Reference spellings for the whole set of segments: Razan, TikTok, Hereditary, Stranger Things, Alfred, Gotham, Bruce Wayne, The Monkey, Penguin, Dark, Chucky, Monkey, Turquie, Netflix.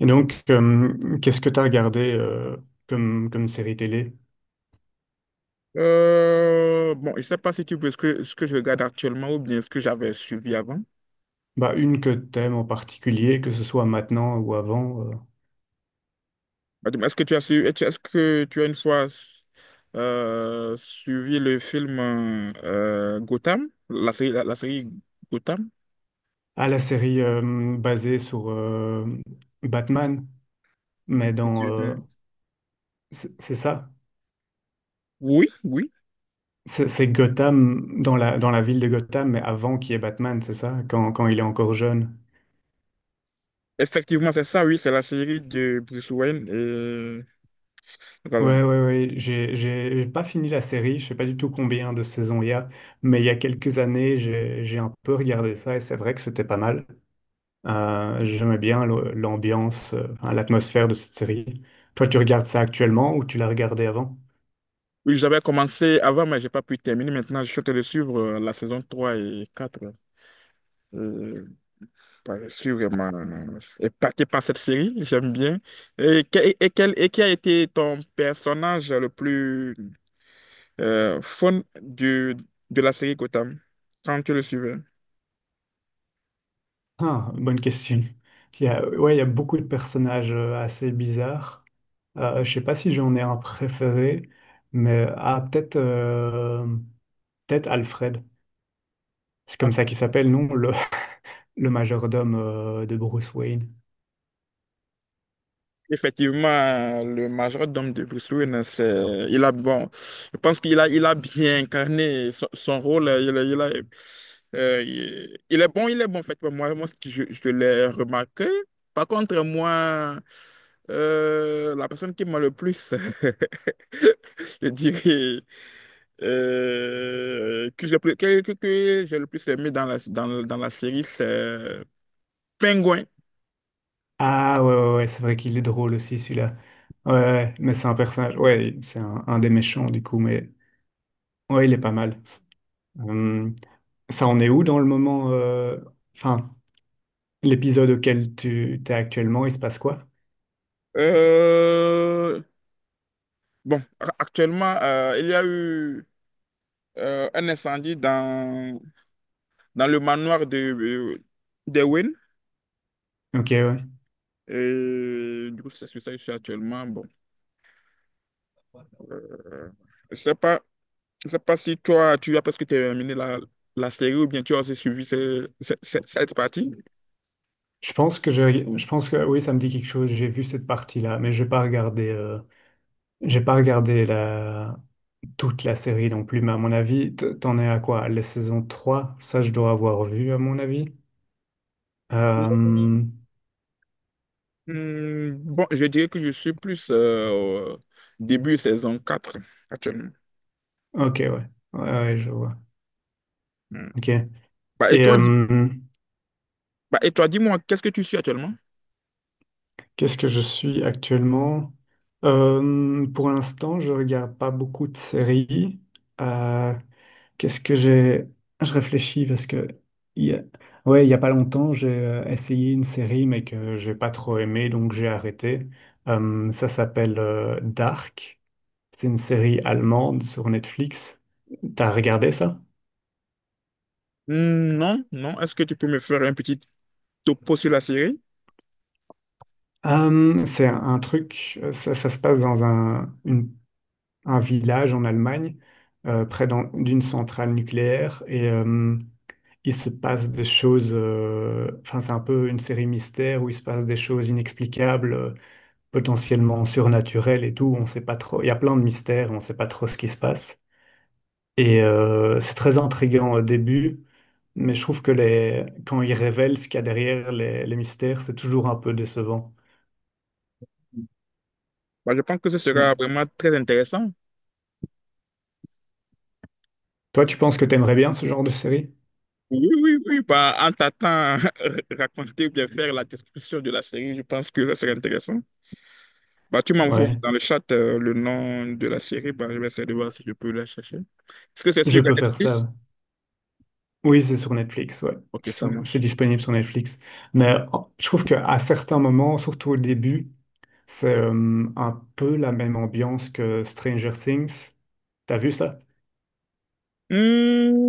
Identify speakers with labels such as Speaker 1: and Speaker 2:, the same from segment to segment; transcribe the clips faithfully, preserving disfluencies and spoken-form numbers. Speaker 1: Et donc, euh, qu'est-ce que tu as regardé euh, comme, comme série télé?
Speaker 2: Euh, bon, je ne sais pas si tu veux ce que, ce que je regarde actuellement ou bien ce que j'avais suivi avant.
Speaker 1: Bah, une que t'aimes en particulier, que ce soit maintenant ou avant. euh.
Speaker 2: Bah, dis-moi, est-ce que tu as suivi, est-ce est-ce que tu as une fois euh, suivi le film euh, euh, Gotham, la série, la, la série Gotham?
Speaker 1: Ah, la série euh, basée sur euh, Batman, mais
Speaker 2: Que
Speaker 1: dans... euh,
Speaker 2: Hmm.
Speaker 1: c'est c'est ça?
Speaker 2: Oui, oui.
Speaker 1: C'est c'est Gotham, dans la, dans la ville de Gotham, mais avant qu'il y ait Batman, c'est ça? Quand, quand il est encore jeune.
Speaker 2: Effectivement, c'est ça, oui, c'est la série de Bruce Wayne et Razan.
Speaker 1: Ouais, ouais, ouais. J'ai, j'ai j'ai pas fini la série, je sais pas du tout combien de saisons il y a, mais il y a quelques années, j'ai, j'ai un peu regardé ça et c'est vrai que c'était pas mal. Euh, j'aimais bien le- l'ambiance, euh, enfin, l'atmosphère de cette série. Toi, tu regardes ça actuellement ou tu l'as regardé avant?
Speaker 2: Oui, j'avais commencé avant, mais j'ai pas pu terminer. Maintenant, je suis en train de suivre euh, la saison trois et quatre. Euh, Ouais, je suis vraiment euh, épaté par cette série, j'aime bien. Et, que- et, quel, et qui a été ton personnage le plus euh, fun du, de la série Gotham quand tu le suivais?
Speaker 1: Ah, bonne question. Il y a, ouais, il y a beaucoup de personnages euh, assez bizarres. Euh, je sais pas si j'en ai un préféré, mais ah, peut-être euh, peut-être Alfred. C'est comme ça qu'il s'appelle, non? Le, le majordome euh, de Bruce Wayne.
Speaker 2: Effectivement, le majordome de Bruce Wayne, c'est, il a, bon, je pense qu'il a, il a bien incarné son, son rôle. Il, a- il a- euh, il il est bon, il est bon, en fait. Moi, moi ce que je, je l'ai remarqué. Par contre, moi, euh, la personne qui m'a le plus, je dirais, euh, que j'ai plus- que, que- que j'ai le plus aimé dans la, dans, dans la série, c'est Penguin.
Speaker 1: Ah ouais, ouais, ouais, c'est vrai qu'il est drôle aussi celui-là. Ouais, ouais, ouais, mais c'est un personnage. Ouais, c'est un, un des méchants du coup, mais ouais, il est pas mal. Hum, ça en est où dans le moment, euh, enfin, l'épisode auquel tu t'es actuellement, il se passe quoi?
Speaker 2: Euh, Bon, a- actuellement, euh, il y a eu euh, un incendie dans, dans le manoir de, euh, d'Ewen.
Speaker 1: Ok, ouais.
Speaker 2: Et du coup, c'est sur ça que je suis actuellement. Bon, euh, je sais pas, je sais pas si toi, tu as presque terminé la, la série ou bien tu as aussi suivi ce- ce- ce- cette partie.
Speaker 1: Je pense que je, je pense que oui, ça me dit quelque chose. J'ai vu cette partie-là, mais j'ai pas regardé, euh, j'ai pas regardé la, toute la série non plus, mais à mon avis, t- t'en es à quoi? La saison trois ça je dois avoir vu à mon avis. Euh,
Speaker 2: Hmm, bon, je dirais que je suis plus euh, au début saison quatre actuellement.
Speaker 1: ok, ouais. Ouais, ouais, je vois.
Speaker 2: Hmm.
Speaker 1: Ok.
Speaker 2: Bah, et
Speaker 1: Et
Speaker 2: toi, dis,
Speaker 1: euh,
Speaker 2: bah, et toi, dis-moi, qu'est-ce que tu suis actuellement?
Speaker 1: qu'est-ce que je suis actuellement? Euh, pour l'instant, je regarde pas beaucoup de séries. Euh, qu'est-ce que j'ai... Je réfléchis parce que... il y a- Ouais, il y a pas longtemps, j'ai euh, essayé une série, mais que j'ai pas trop aimé, donc j'ai arrêté. Euh, ça s'appelle euh, Dark. C'est une série allemande sur Netflix. T'as regardé ça?
Speaker 2: Hmm, non, non. Est-ce que tu peux me faire un petit topo sur la série?
Speaker 1: Euh, c'est un, un truc, euh, ça, ça se passe dans un, une- un village en Allemagne, euh, près d'un- d'une centrale nucléaire, et euh, il se passe des choses, euh, enfin c'est un peu une série mystère où il se passe des choses inexplicables, euh, potentiellement surnaturelles et tout, on sait pas trop, il y a plein de mystères, on sait pas trop ce qui se passe. Et euh, c'est très intriguant au début, mais je trouve que les... quand ils révèlent ce qu'il y a derrière les, les mystères, c'est toujours un peu décevant.
Speaker 2: Bah, je pense que ce sera
Speaker 1: Non.
Speaker 2: vraiment très intéressant.
Speaker 1: Toi, tu penses que t'aimerais bien ce genre de série?
Speaker 2: Oui, oui, oui. Bah, en t'attendant raconter ou bien faire la description de la série, je pense que ça serait intéressant. Bah, tu m'envoies
Speaker 1: Ouais,
Speaker 2: dans le chat euh, le nom de la série. Bah, je vais essayer de voir si je peux la chercher. Est-ce que c'est
Speaker 1: je
Speaker 2: sur
Speaker 1: peux faire
Speaker 2: Netflix?
Speaker 1: ça. Oui, c'est sur Netflix, ouais.
Speaker 2: Ok,
Speaker 1: C'est
Speaker 2: ça
Speaker 1: sur- c'est
Speaker 2: marche.
Speaker 1: disponible sur Netflix. Mais oh, je trouve qu'à certains moments, surtout au début, c'est euh, un peu la même ambiance que Stranger Things. T'as vu ça?
Speaker 2: Mmh.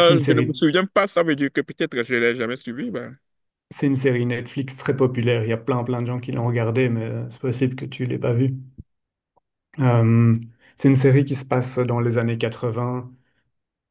Speaker 1: C'est une
Speaker 2: je ne me
Speaker 1: série,
Speaker 2: souviens pas, ça veut dire que peut-être je ne l'ai jamais suivi. Bah.
Speaker 1: c'est une série Netflix très populaire. Il y a plein plein de gens qui l'ont regardée, mais euh, c'est possible que tu l'aies pas vue. Euh, c'est une série qui se passe dans les années quatre-vingts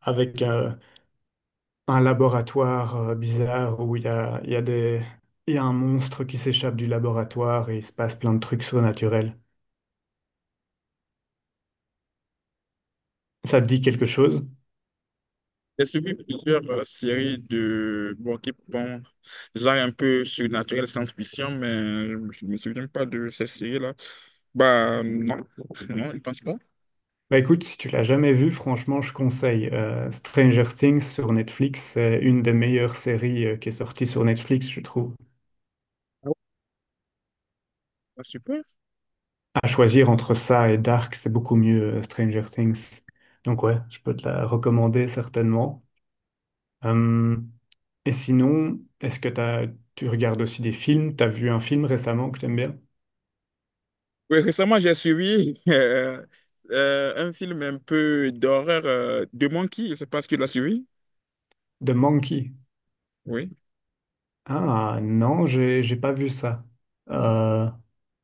Speaker 1: avec euh, un laboratoire euh, bizarre où il y a, il y a des, il y a un monstre qui s'échappe du laboratoire et il se passe plein de trucs surnaturels. Ça te dit quelque chose?
Speaker 2: J'ai suivi plusieurs euh, séries de bon, qui, bon, genre un peu surnaturel, science-fiction, mais je ne me souviens pas de ces séries-là. Bah non, non, je pense pas.
Speaker 1: Bah écoute, si tu l'as jamais vu, franchement, je conseille. Euh, Stranger Things sur Netflix, c'est une des meilleures séries euh, qui est sortie sur Netflix, je trouve.
Speaker 2: Ah ouais, bah, super.
Speaker 1: À choisir entre ça et Dark, c'est beaucoup mieux euh, Stranger Things. Donc ouais, je peux te la recommander certainement. Hum, et sinon, est-ce que t'as, tu regardes aussi des films? T'as vu un film récemment que t'aimes bien?
Speaker 2: Oui, récemment, j'ai suivi euh, euh, un film un peu d'horreur euh, de Monkey. Je sais pas si tu l'as suivi.
Speaker 1: The Monkey.
Speaker 2: Oui.
Speaker 1: Ah non, j'ai j'ai pas vu ça. Euh,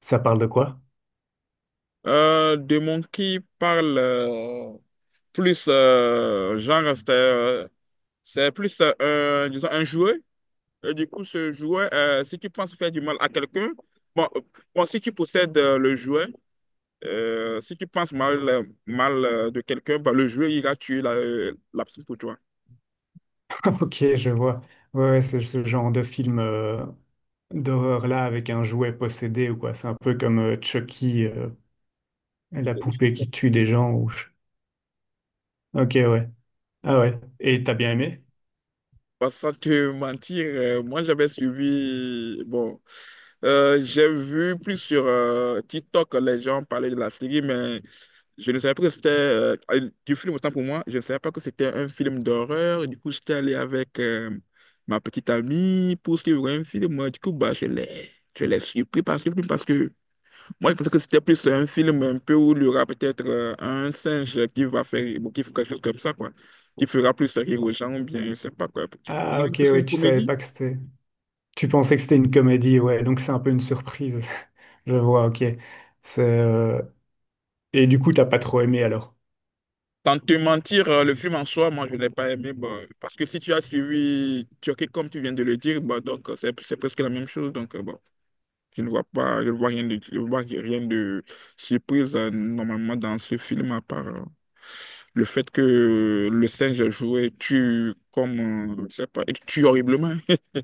Speaker 1: ça parle de quoi?
Speaker 2: Euh, de Monkey parle euh, plus euh, genre, c'est euh, c'est plus euh, un, disons, un jouet. Et du coup, ce jouet, euh, si tu penses faire du mal à quelqu'un, bon, euh, bon, si tu possèdes euh, le jouet, euh, si tu penses mal, euh, mal euh, de quelqu'un, bah, le jeu ira tuer la, euh, la personne pour toi.
Speaker 1: Ok, je vois. Ouais, ouais, c'est ce genre de film euh, d'horreur là avec un jouet possédé ou quoi. C'est un peu comme euh, Chucky, euh, la poupée qui tue des
Speaker 2: Effectivement.
Speaker 1: gens. Ou... Ok, ouais. Ah ouais. Et t'as bien aimé?
Speaker 2: Bah, sans te mentir, euh, moi j'avais suivi, bon, euh, j'ai vu plus sur euh, TikTok les gens parler de la série, mais je ne savais pas que c'était euh, euh, du film, autant pour moi, je ne savais pas que c'était un film d'horreur. Du coup, j'étais allé avec euh, ma petite amie pour suivre un film. Du coup, bah, je l'ai, je l'ai surpris par ce film, parce que moi, je pensais que c'était plus un film un peu où il y aura peut-être euh, un singe qui va faire, bon, qui fera quelque chose comme ça, quoi. Qui fera plus rire aux gens, ou bien, je sais pas quoi.
Speaker 1: Ah
Speaker 2: Donc,
Speaker 1: ok,
Speaker 2: c'est
Speaker 1: ouais,
Speaker 2: une
Speaker 1: tu savais
Speaker 2: comédie.
Speaker 1: pas que c'était... Tu pensais que c'était une comédie, ouais, donc c'est un peu une surprise. Je vois, ok. C'est, euh, Et du coup, t'as pas trop aimé alors?
Speaker 2: Tant te mentir, euh, le film en soi, moi, je l'ai pas aimé, bah, parce que si tu as suivi Turquie, comme tu viens de le dire, bah, donc, euh, c'est, c'est presque la même chose, donc, euh, bon. Je ne vois pas, je ne vois rien de, je ne vois rien de surprise euh, normalement dans ce film à part euh, le fait que le singe joué tue comme, euh, je sais pas, il tue horriblement.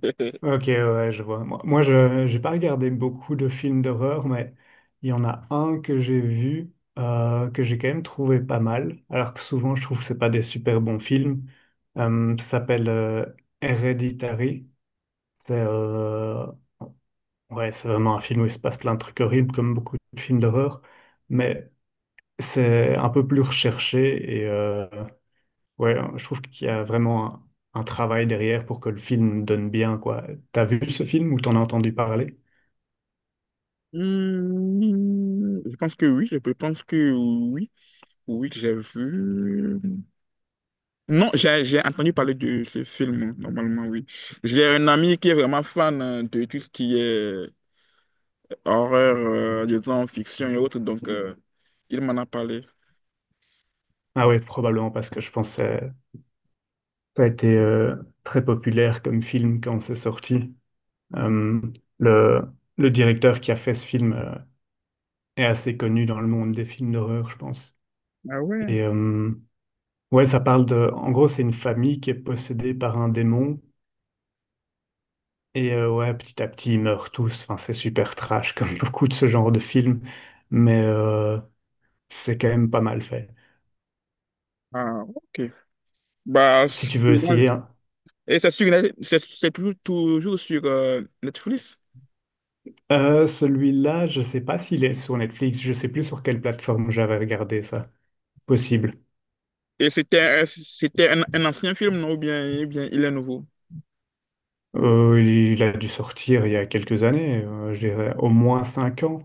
Speaker 1: Ok, ouais, ouais, je vois. Moi, moi, je j'ai pas regardé beaucoup de films d'horreur, mais il y en a un que j'ai vu euh, que j'ai quand même trouvé pas mal, alors que souvent je trouve que c'est pas des super bons films. Euh, ça s'appelle euh, Hereditary. C'est euh, ouais, c'est vraiment un film où il se passe plein de trucs horribles, comme beaucoup de films d'horreur, mais c'est un peu plus recherché et euh, ouais, je trouve qu'il y a vraiment un, un travail derrière pour que le film donne bien, quoi. T'as vu ce film ou t'en as entendu parler?
Speaker 2: Hmm, je pense que oui, je pense que oui, oui, j'ai vu. euh, Non, j'ai j'ai entendu parler de ce film, normalement, oui. J'ai un ami qui est vraiment fan euh, de tout ce qui est horreur, euh, disons, fiction et autres, donc euh, il m'en a parlé.
Speaker 1: Ah oui, probablement parce que je pense que ça ça a été euh, très populaire comme film quand c'est sorti. Euh, le, le directeur qui a fait ce film euh, est assez connu dans le monde des films d'horreur, je pense.
Speaker 2: Ah ouais?
Speaker 1: Et euh, ouais, ça parle de... En gros, c'est une famille qui est possédée par un démon. Et euh, ouais, petit à petit, ils meurent tous. Enfin, c'est super trash comme beaucoup de ce genre de films. Mais euh, c'est quand même pas mal fait.
Speaker 2: Ah, ok. Bah,
Speaker 1: Si tu veux
Speaker 2: celui-là,
Speaker 1: essayer,
Speaker 2: et c'est sur Net-, c'est c'est toujours, toujours sur euh, Netflix.
Speaker 1: Euh, celui-là, je sais pas s'il est sur Netflix, je sais plus sur quelle plateforme j'avais regardé ça. Possible.
Speaker 2: Et c'était un-, c'était un, un ancien film, non? Ou bien, ou bien il est nouveau?
Speaker 1: Euh, il a dû sortir il y a quelques années, euh, je dirais au moins cinq ans,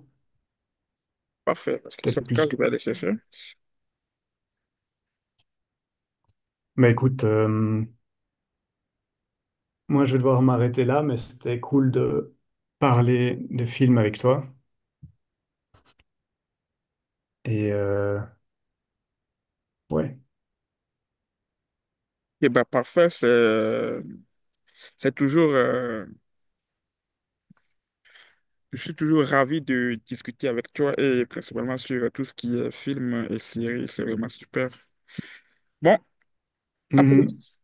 Speaker 2: Parfait. Parce que sur
Speaker 1: peut-être
Speaker 2: le cas,
Speaker 1: plus
Speaker 2: je
Speaker 1: que...
Speaker 2: vais aller chercher.
Speaker 1: Mais écoute, euh, moi je vais devoir m'arrêter là, mais c'était cool de parler de films avec toi. Et euh, ouais.
Speaker 2: Et bah, parfait, c'est euh, c'est toujours. Euh, je suis toujours ravi de discuter avec toi et principalement sur tout ce qui est film et séries. C'est vraiment super. Bon, à
Speaker 1: Mhm.
Speaker 2: plus.